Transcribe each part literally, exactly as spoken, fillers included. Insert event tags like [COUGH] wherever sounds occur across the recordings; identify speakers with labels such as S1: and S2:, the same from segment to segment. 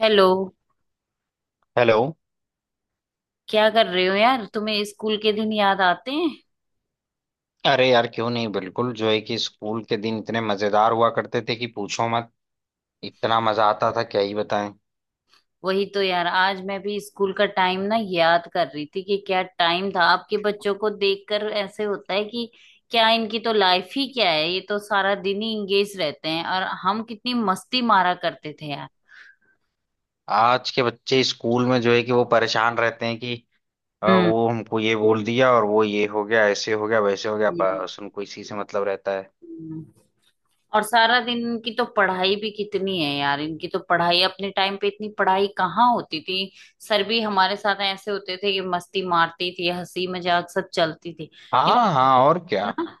S1: Hello.
S2: Hello.
S1: क्या कर रहे हो यार, तुम्हें स्कूल के दिन याद आते हैं?
S2: अरे यार, क्यों नहीं, बिल्कुल। जो है कि स्कूल के दिन इतने मजेदार हुआ करते थे कि पूछो मत। इतना मजा आता था, क्या ही बताएं।
S1: वही तो यार, आज मैं भी स्कूल का टाइम ना याद कर रही थी कि क्या टाइम था। आपके बच्चों को देखकर ऐसे होता है कि क्या इनकी तो लाइफ ही क्या है, ये तो सारा दिन ही इंगेज रहते हैं, और हम कितनी मस्ती मारा करते थे यार।
S2: आज के बच्चे स्कूल में जो है कि वो परेशान रहते हैं कि अ,
S1: हम्म।
S2: वो हमको ये बोल दिया और वो ये हो गया, ऐसे हो गया, वैसे हो गया। बस उनको इसी से मतलब रहता है।
S1: हम्म। और सारा दिन इनकी तो पढ़ाई भी कितनी है यार, इनकी तो पढ़ाई, अपने टाइम पे इतनी पढ़ाई कहाँ होती थी। सर भी हमारे साथ ऐसे होते थे कि मस्ती मारती थी, हंसी मजाक सब चलती थी। इन
S2: हाँ हाँ, और
S1: है
S2: क्या।
S1: ना।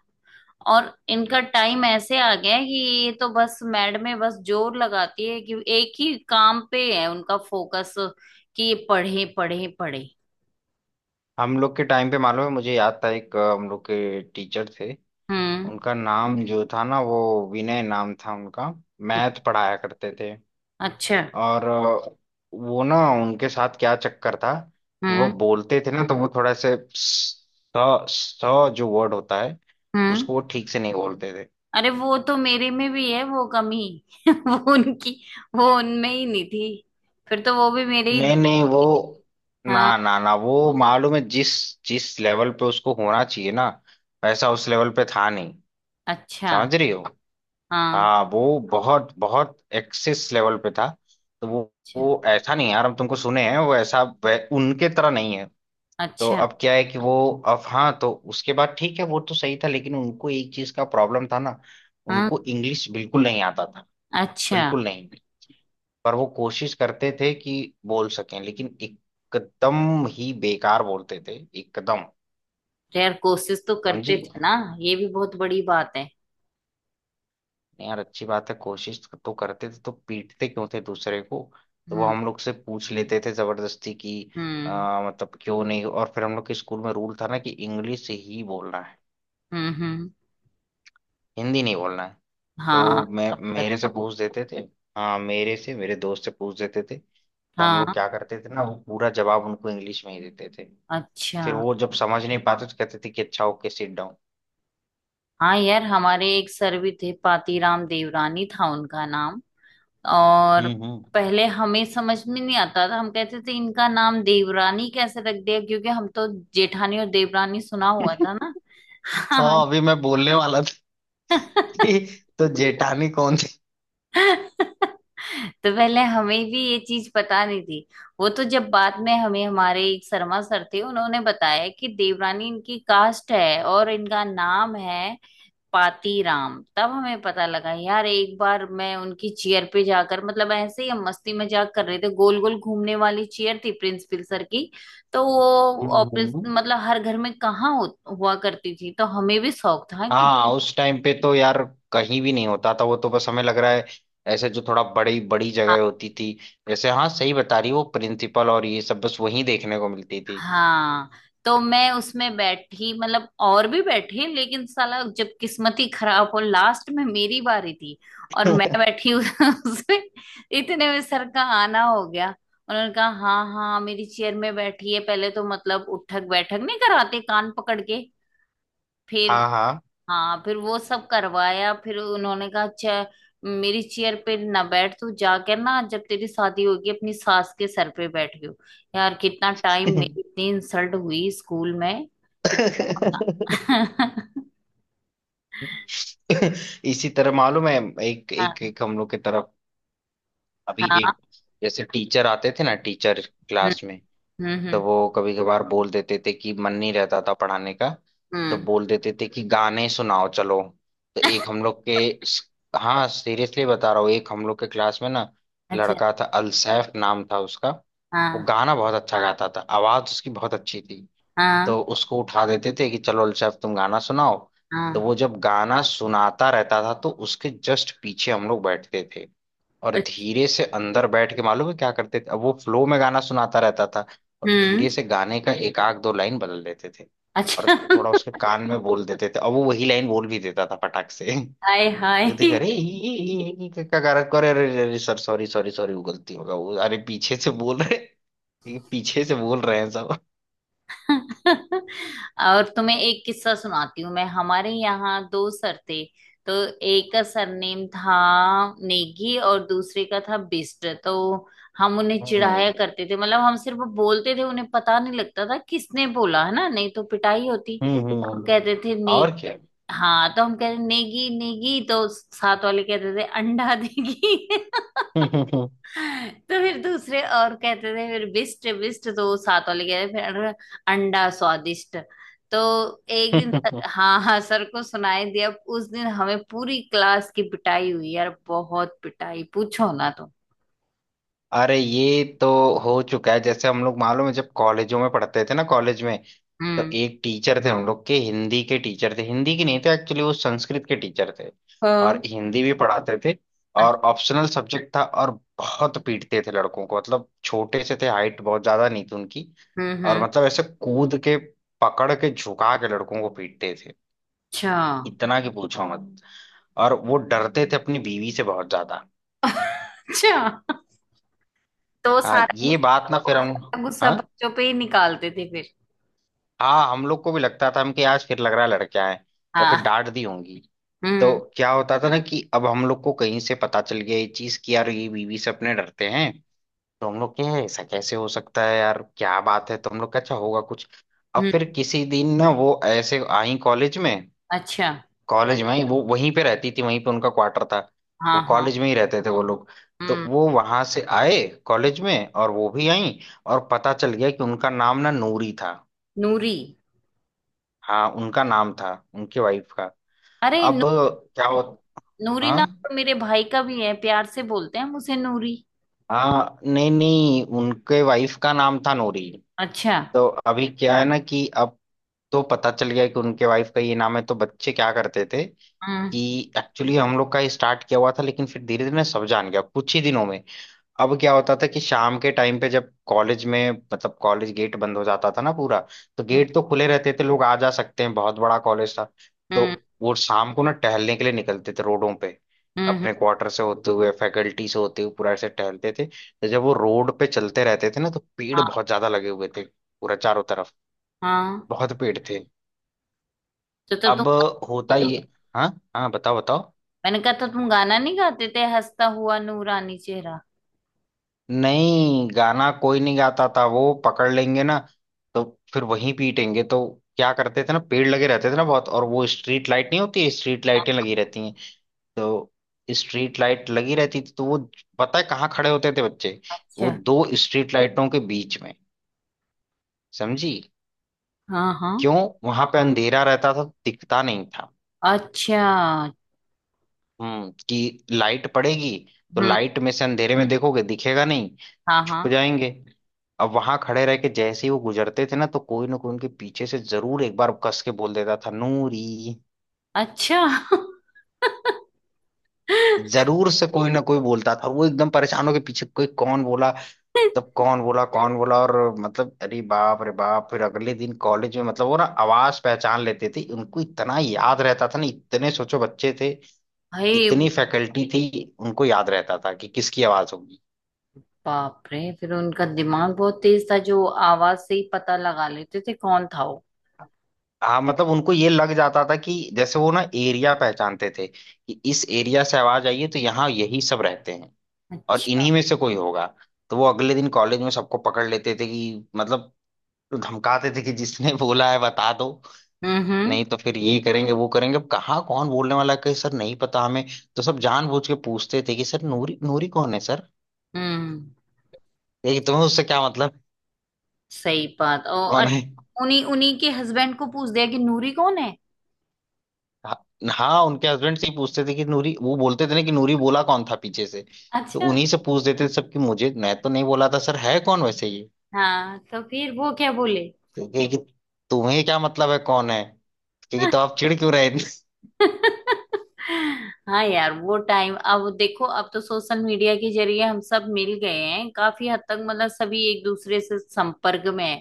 S1: और इनका टाइम ऐसे आ गया है कि ये तो बस मैडमें बस जोर लगाती है कि एक ही काम पे है उनका फोकस, कि ये पढ़े पढ़े पढ़े।
S2: हम लोग के टाइम पे, मालूम है, मुझे याद था, एक अ, हम लोग के टीचर थे।
S1: हम्म।
S2: उनका नाम जो था ना, वो विनय नाम था उनका। मैथ पढ़ाया करते थे।
S1: अच्छा।
S2: और अ, वो ना, उनके साथ क्या चक्कर था कि वो
S1: हम्म।
S2: बोलते थे ना, तो वो थोड़ा से स, स स जो वर्ड होता है,
S1: हम्म।
S2: उसको वो ठीक से नहीं बोलते थे।
S1: अरे वो तो मेरे में भी है वो कमी। [LAUGHS] वो उनकी वो उनमें ही नहीं थी। फिर तो वो भी मेरे ही दो।
S2: नहीं नहीं, वो
S1: हाँ।
S2: ना ना ना वो, मालूम है, जिस जिस लेवल पे उसको होना चाहिए ना, वैसा उस लेवल पे था नहीं।
S1: अच्छा।
S2: समझ रही हो?
S1: हाँ।
S2: हाँ, वो बहुत बहुत एक्सेस लेवल पे था। तो वो
S1: अच्छा।
S2: वो ऐसा नहीं है यार, हम तुमको सुने हैं, वो ऐसा वै- उनके तरह नहीं है। तो
S1: अच्छा।
S2: अब क्या है कि वो, अब हाँ, तो उसके बाद ठीक है, वो तो सही था। लेकिन उनको एक चीज का प्रॉब्लम था ना,
S1: हाँ।
S2: उनको इंग्लिश बिल्कुल नहीं आता था।
S1: अच्छा।
S2: बिल्कुल नहीं। पर वो कोशिश करते थे कि बोल सकें, लेकिन एकदम ही बेकार बोलते थे। एकदम।
S1: तो यार कोशिश तो करते
S2: समझी?
S1: थे ना। ये भी बहुत बड़ी बात है।
S2: यार अच्छी बात है, कोशिश तो करते थे, तो पीटते क्यों थे दूसरे को। तो वो
S1: हम्म।
S2: हम लोग से पूछ लेते थे जबरदस्ती कि
S1: हम्म।
S2: आ, मतलब, क्यों नहीं। और फिर हम लोग के स्कूल में रूल था ना, कि इंग्लिश ही बोलना है,
S1: हम्म। हम्म।
S2: हिंदी नहीं बोलना है। तो
S1: हाँ,
S2: मैं,
S1: अब कर।
S2: मेरे से पूछ देते थे, हाँ मेरे से, मेरे दोस्त से पूछ देते थे, तो हम लोग
S1: हाँ।
S2: क्या करते थे ना, वो पूरा जवाब उनको इंग्लिश में ही देते थे।
S1: अच्छा।
S2: फिर वो जब समझ नहीं पाते तो कहते थे कि अच्छा, ओके सिट डाउन।
S1: हाँ यार, हमारे एक सर भी थे, पातीराम देवरानी था उनका नाम। और
S2: हम्म। हम्म।
S1: पहले हमें समझ में नहीं आता था, हम कहते थे इनका नाम देवरानी कैसे रख दिया, क्योंकि हम तो जेठानी और देवरानी सुना हुआ था
S2: [LAUGHS]
S1: ना। हाँ।
S2: हाँ, अभी मैं बोलने वाला था कि
S1: [LAUGHS]
S2: तो जेठानी कौन थी।
S1: तो पहले हमें भी ये चीज पता नहीं थी। वो तो जब बाद में, हमें हमारे एक शर्मा सर थे, उन्होंने बताया कि देवरानी इनकी कास्ट है और इनका नाम है पातीराम, तब हमें पता लगा। यार एक बार मैं उनकी चेयर पे जाकर, मतलब ऐसे ही हम मस्ती मजाक कर रहे थे, गोल गोल घूमने वाली चेयर थी प्रिंसिपल सर की। तो वो
S2: हम्म,
S1: ऑफिस,
S2: हम्म।
S1: मतलब हर घर में कहाँ हो, हुआ करती थी, तो हमें भी शौक था कि हाँ,
S2: हाँ, उस टाइम पे तो यार कहीं भी नहीं होता था। वो तो बस हमें लग रहा है ऐसे जो थोड़ा बड़ी बड़ी जगह होती थी, जैसे हाँ सही बता रही, वो प्रिंसिपल और ये सब, बस वहीं देखने को मिलती थी।
S1: हाँ तो मैं उसमें बैठी, मतलब और भी बैठे, लेकिन साला जब किस्मत ही खराब हो, लास्ट में मेरी बारी थी, और मैं
S2: [LAUGHS]
S1: बैठी उस- [LAUGHS] उसमें। इतने में सर का आना हो गया। उन्होंने कहा हाँ हाँ, मेरी चेयर में बैठी है, पहले तो मतलब उठक बैठक नहीं कराते कान पकड़ के, फिर
S2: हाँ
S1: हाँ, फिर वो सब करवाया, फिर उन्होंने कहा, अच्छा मेरी चेयर पे ना बैठ, तू जाकर ना, जब तेरी शादी होगी अपनी सास के सर पे बैठ गयो। यार कितना टाइम,
S2: हाँ।
S1: मेरी इतनी इंसल्ट हुई स्कूल में कि पूछो ना।
S2: [LAUGHS]
S1: [LAUGHS]
S2: इसी तरह मालूम है, एक
S1: हाँ
S2: एक एक हम लोग के तरफ अभी
S1: हाँ।
S2: एक, जैसे टीचर आते थे ना, टीचर
S1: हम्म।
S2: क्लास में, तो
S1: हम्म।
S2: वो कभी कभार बोल देते थे कि मन नहीं रहता था पढ़ाने का, तो
S1: हम्म।
S2: बोल देते थे कि गाने सुनाओ चलो। तो एक
S1: [LAUGHS]
S2: हम लोग के हाँ, सीरियसली बता रहा हूँ, एक हम लोग के क्लास में ना
S1: अच्छा।
S2: लड़का था, अलसैफ नाम था उसका। वो
S1: हाँ
S2: गाना बहुत अच्छा गाता था, आवाज उसकी बहुत अच्छी थी।
S1: हाँ
S2: तो उसको उठा देते थे कि चलो अल्शेफ तुम गाना सुनाओ। तो
S1: हाँ।
S2: वो जब गाना सुनाता रहता था, तो उसके जस्ट पीछे हम लोग बैठते थे, और
S1: अच्छा।
S2: धीरे से अंदर बैठ के, मालूम है क्या करते थे, अब वो फ्लो में गाना सुनाता रहता था, और
S1: हम्म।
S2: धीरे से गाने का एक आध दो लाइन बदल देते थे और
S1: अच्छा।
S2: थोड़ा
S1: [LAUGHS]
S2: उसके कान में बोल देते थे, और वो वही लाइन बोल भी देता था फटाक से।
S1: हाय हाय।
S2: कहते कि अरे ये-, ये-, ये- ये क्या कर करे, अरे अरे अरे, सर सॉरी सॉरी सॉरी, वो गलती होगा, वो अरे पीछे से बोल रहे, ये पीछे से बोल रहे हैं सब।
S1: और तुम्हें एक किस्सा सुनाती हूँ, मैं हमारे यहाँ दो सर थे। तो एक का सरनेम था नेगी और दूसरे का था बिस्ट। तो हम उन्हें
S2: हम्म
S1: चिढ़ाया करते थे, मतलब हम सिर्फ बोलते थे, उन्हें पता नहीं लगता था किसने बोला है ना, नहीं तो पिटाई होती।
S2: हम्म
S1: हम
S2: हम्म,
S1: कहते थे ने।
S2: और क्या।
S1: हाँ तो हम कहते नेगी नेगी, तो साथ वाले कहते थे अंडा देगी। [LAUGHS] तो फिर दूसरे और कहते थे फिर बिस्ट बिस्ट, तो वो साथ वाले कह रहे फिर अं- अंडा स्वादिष्ट। तो एक दिन सर-
S2: [LAUGHS]
S1: हाँ हाँ, सर को सुनाई दिया। उस दिन हमें पूरी क्लास की पिटाई हुई यार, बहुत पिटाई, पूछो ना तो।
S2: अरे ये तो हो चुका है। जैसे हम लोग, मालूम है, जब कॉलेजों में पढ़ते थे ना, कॉलेज में, तो
S1: हम्म।
S2: एक टीचर थे हम लोग के, हिंदी के टीचर थे, हिंदी की नहीं थे, एक्चुअली वो संस्कृत के टीचर थे और
S1: हाँ।
S2: हिंदी भी पढ़ाते थे। और
S1: अच्छा।
S2: ऑप्शनल सब्जेक्ट था। और बहुत पीटते थे लड़कों को, मतलब छोटे से थे, हाइट बहुत ज्यादा नहीं थी उनकी,
S1: हम्म।
S2: और
S1: हम्म।
S2: मतलब ऐसे कूद के पकड़ के झुका के लड़कों को पीटते थे,
S1: अच्छा।
S2: इतना कि पूछो मत। और वो डरते थे अपनी बीवी से बहुत ज्यादा।
S1: अच्छा। तो वो
S2: हाँ,
S1: सारा
S2: ये बात ना,
S1: गुस्सा,
S2: फिर
S1: वो
S2: हम
S1: सारा गुस्सा
S2: हाँ
S1: बच्चों पे ही निकालते थे फिर।
S2: हाँ, हम लोग को भी लगता था, हम कि आज फिर लग रहा है लड़कियां हैं या फिर
S1: हाँ।
S2: डांट दी होंगी। तो
S1: हम्म।
S2: क्या होता था ना कि अब हम लोग को कहीं से पता चल गया ये चीज कि यार ये बीवी से अपने डरते हैं। तो हम लोग के ऐसा कैसे हो सकता है यार, क्या बात है, तो हम लोग का अच्छा होगा कुछ। अब
S1: हम्म।
S2: फिर किसी दिन ना वो ऐसे आई कॉलेज में।
S1: अच्छा।
S2: कॉलेज में ही वो वहीं पे रहती थी, वहीं पे उनका क्वार्टर था,
S1: हाँ
S2: वो
S1: हाँ।
S2: कॉलेज में ही रहते थे वो लोग। तो
S1: हम्म।
S2: वो वहां से आए कॉलेज में और वो भी आई, और पता चल गया कि उनका नाम ना नूरी था।
S1: नूरी।
S2: हाँ उनका नाम था, उनके वाइफ का।
S1: अरे,
S2: अब क्या हो,
S1: नूरी
S2: हाँ
S1: नाम तो मेरे भाई का भी है, प्यार से बोलते हैं मुझे नूरी।
S2: हाँ, नहीं नहीं, उनके वाइफ का नाम था नूरी।
S1: अच्छा।
S2: तो अभी क्या है ना कि अब, तो पता चल गया कि उनके वाइफ का ये नाम है, तो बच्चे क्या करते थे
S1: हम्म।
S2: कि, एक्चुअली हम लोग का स्टार्ट किया हुआ था, लेकिन फिर धीरे धीरे सब जान गया कुछ ही दिनों में। अब क्या होता था कि शाम के टाइम पे जब कॉलेज में, मतलब कॉलेज गेट बंद हो जाता था ना पूरा, तो
S1: हम्म।
S2: गेट तो खुले रहते थे, लोग आ जा सकते हैं, बहुत बड़ा कॉलेज था। तो
S1: हम्म।
S2: वो शाम को ना टहलने के लिए निकलते थे रोडों पे,
S1: हम्म।
S2: अपने
S1: हम्म।
S2: क्वार्टर से होते हुए फैकल्टी से होते हुए पूरा ऐसे टहलते थे। तो जब वो रोड पे चलते रहते थे ना, तो पेड़
S1: हाँ
S2: बहुत ज्यादा लगे हुए थे पूरा चारों तरफ।
S1: हाँ।
S2: बहुत पेड़ थे।
S1: तो तब तुम
S2: अब होता ये, हाँ हाँ बताओ बताओ।
S1: मैंने कहा, तो तुम गाना नहीं गाते थे, हंसता हुआ नूरानी चेहरा?
S2: नहीं, गाना कोई नहीं गाता था, वो पकड़ लेंगे ना, तो फिर वहीं पीटेंगे। तो क्या करते थे ना, पेड़ लगे रहते थे ना बहुत, और वो स्ट्रीट लाइट नहीं होती, स्ट्रीट लाइटें लगी रहती हैं, तो स्ट्रीट लाइट लगी रहती थी। तो वो पता है कहाँ खड़े होते थे बच्चे? वो
S1: अच्छा।
S2: दो स्ट्रीट लाइटों के बीच में। समझी?
S1: हाँ हाँ।
S2: क्यों, वहां पे अंधेरा रहता था, दिखता नहीं था।
S1: अच्छा।
S2: हम्म, कि लाइट पड़ेगी, तो
S1: हम्म।
S2: लाइट में से अंधेरे में, हम्म, देखोगे दिखेगा नहीं,
S1: हाँ हाँ।
S2: छुप जाएंगे। अब वहां खड़े रह के जैसे ही वो गुजरते थे ना, तो कोई ना कोई उनके पीछे से जरूर एक बार कस के बोल देता था, नूरी।
S1: अच्छा।
S2: जरूर से कोई ना कोई बोलता था। वो एकदम परेशान होके पीछे, कोई, कौन बोला, तब कौन बोला, कौन बोला, और मतलब अरे बाप रे बाप। फिर अगले दिन कॉलेज में, मतलब वो ना आवाज पहचान लेते थे, उनको इतना याद रहता था ना, इतने सोचो बच्चे थे,
S1: भाई
S2: इतनी फैकल्टी थी, उनको याद रहता था कि किसकी आवाज होगी।
S1: बाप रे, फिर उनका दिमाग बहुत तेज था, जो आवाज से ही पता लगा लेते थे कौन था वो।
S2: हाँ, मतलब उनको ये लग जाता था कि जैसे वो ना एरिया पहचानते थे कि इस एरिया से आवाज आई है तो यहाँ यही सब रहते हैं और
S1: अच्छा।
S2: इन्हीं में से कोई होगा। तो वो अगले दिन कॉलेज में सबको पकड़ लेते थे कि, मतलब धमकाते थे कि जिसने [LAUGHS] बोला है बता दो,
S1: हम्म। हम्म।
S2: नहीं तो फिर ये करेंगे वो करेंगे। अब कहाँ कौन बोलने वाला है, कहीं सर, नहीं पता हमें। तो सब जानबूझ के पूछते थे कि सर, नूरी नूरी कौन है सर।
S1: हम्म।
S2: ये तुम्हें उससे क्या मतलब
S1: सही बात। ओ
S2: कौन है।
S1: अच्छा, उन्हीं उन्हीं के हस्बैंड को पूछ दिया कि नूरी कौन है?
S2: हाँ हाँ, उनके हस्बैंड से ही पूछते थे कि नूरी, वो बोलते थे ना कि नूरी बोला कौन था पीछे से, तो
S1: अच्छा।
S2: उन्हीं से पूछ देते थे सब कि मुझे, मैं तो नहीं बोला था सर, है कौन वैसे ये।
S1: हाँ तो फिर वो क्या बोले?
S2: तो कहे कि तुम्हें क्या मतलब है कौन है। क्योंकि, तो आप चिढ़ क्यों रहे [LAUGHS] इतने?
S1: हाँ यार वो टाइम, अब देखो अब तो सोशल मीडिया के जरिए हम सब मिल गए हैं काफी हद तक, मतलब सभी एक दूसरे से संपर्क में है।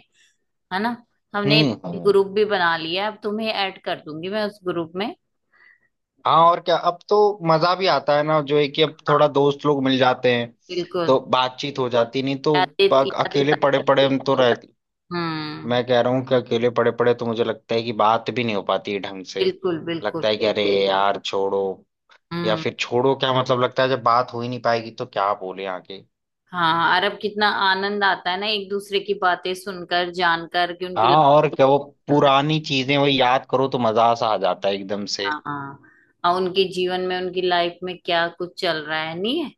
S1: है ना। हमने
S2: हम्म हम्म।
S1: ग्रुप भी बना लिया है, अब तुम्हें ऐड कर दूंगी मैं उस ग्रुप में।
S2: हाँ और क्या, अब तो मजा भी आता है ना, जो है कि अब थोड़ा
S1: हाँ।
S2: दोस्त लोग मिल जाते हैं
S1: बिल्कुल।
S2: तो बातचीत हो जाती, नहीं तो
S1: यादें
S2: प-
S1: यादें
S2: अकेले पड़े
S1: ताजा-
S2: पड़े हम तो रह,
S1: हम्म।
S2: मैं कह रहा हूँ कि अकेले पड़े पड़े तो मुझे लगता है कि बात भी नहीं हो पाती ढंग से।
S1: बिल्कुल बिल्कुल।
S2: लगता है कि अरे यार छोड़ो, या
S1: हम्म।
S2: फिर छोड़ो क्या मतलब, लगता है जब बात हो ही नहीं पाएगी तो क्या बोले आगे।
S1: हाँ, अरब कितना आनंद आता है ना, एक दूसरे की बातें सुनकर जानकर कि उनकी
S2: हाँ
S1: लाइफ
S2: और क्या, वो
S1: चल रहा है।
S2: पुरानी चीजें वो याद करो तो मजा सा आ जाता है एकदम से।
S1: हाँ हाँ, और उनके जीवन में, उनकी लाइफ में क्या कुछ चल रहा है नहीं है।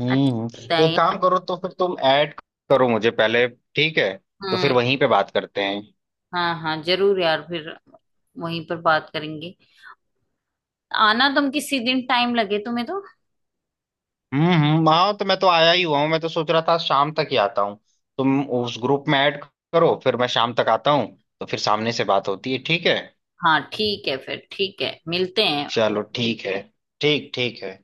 S2: हम्म।
S1: अच्छा लगता है
S2: एक
S1: यार।
S2: काम करो तो, फिर तुम ऐड करो मुझे पहले, ठीक है, तो फिर
S1: हम्म।
S2: वहीं पे बात करते हैं।
S1: हाँ हाँ जरूर यार, फिर वहीं पर बात करेंगे। आना तुम किसी दिन, टाइम लगे तुम्हें तो।
S2: हम्म हम्म, हाँ तो मैं तो आया ही हुआ हूँ, मैं तो सोच रहा था शाम तक ही आता हूँ। तुम उस ग्रुप में ऐड करो, फिर मैं शाम तक आता हूँ, तो फिर सामने से बात होती है, ठीक है।
S1: हाँ ठीक है, फिर ठीक है, मिलते हैं।
S2: चलो ठीक है। ठीक ठीक है।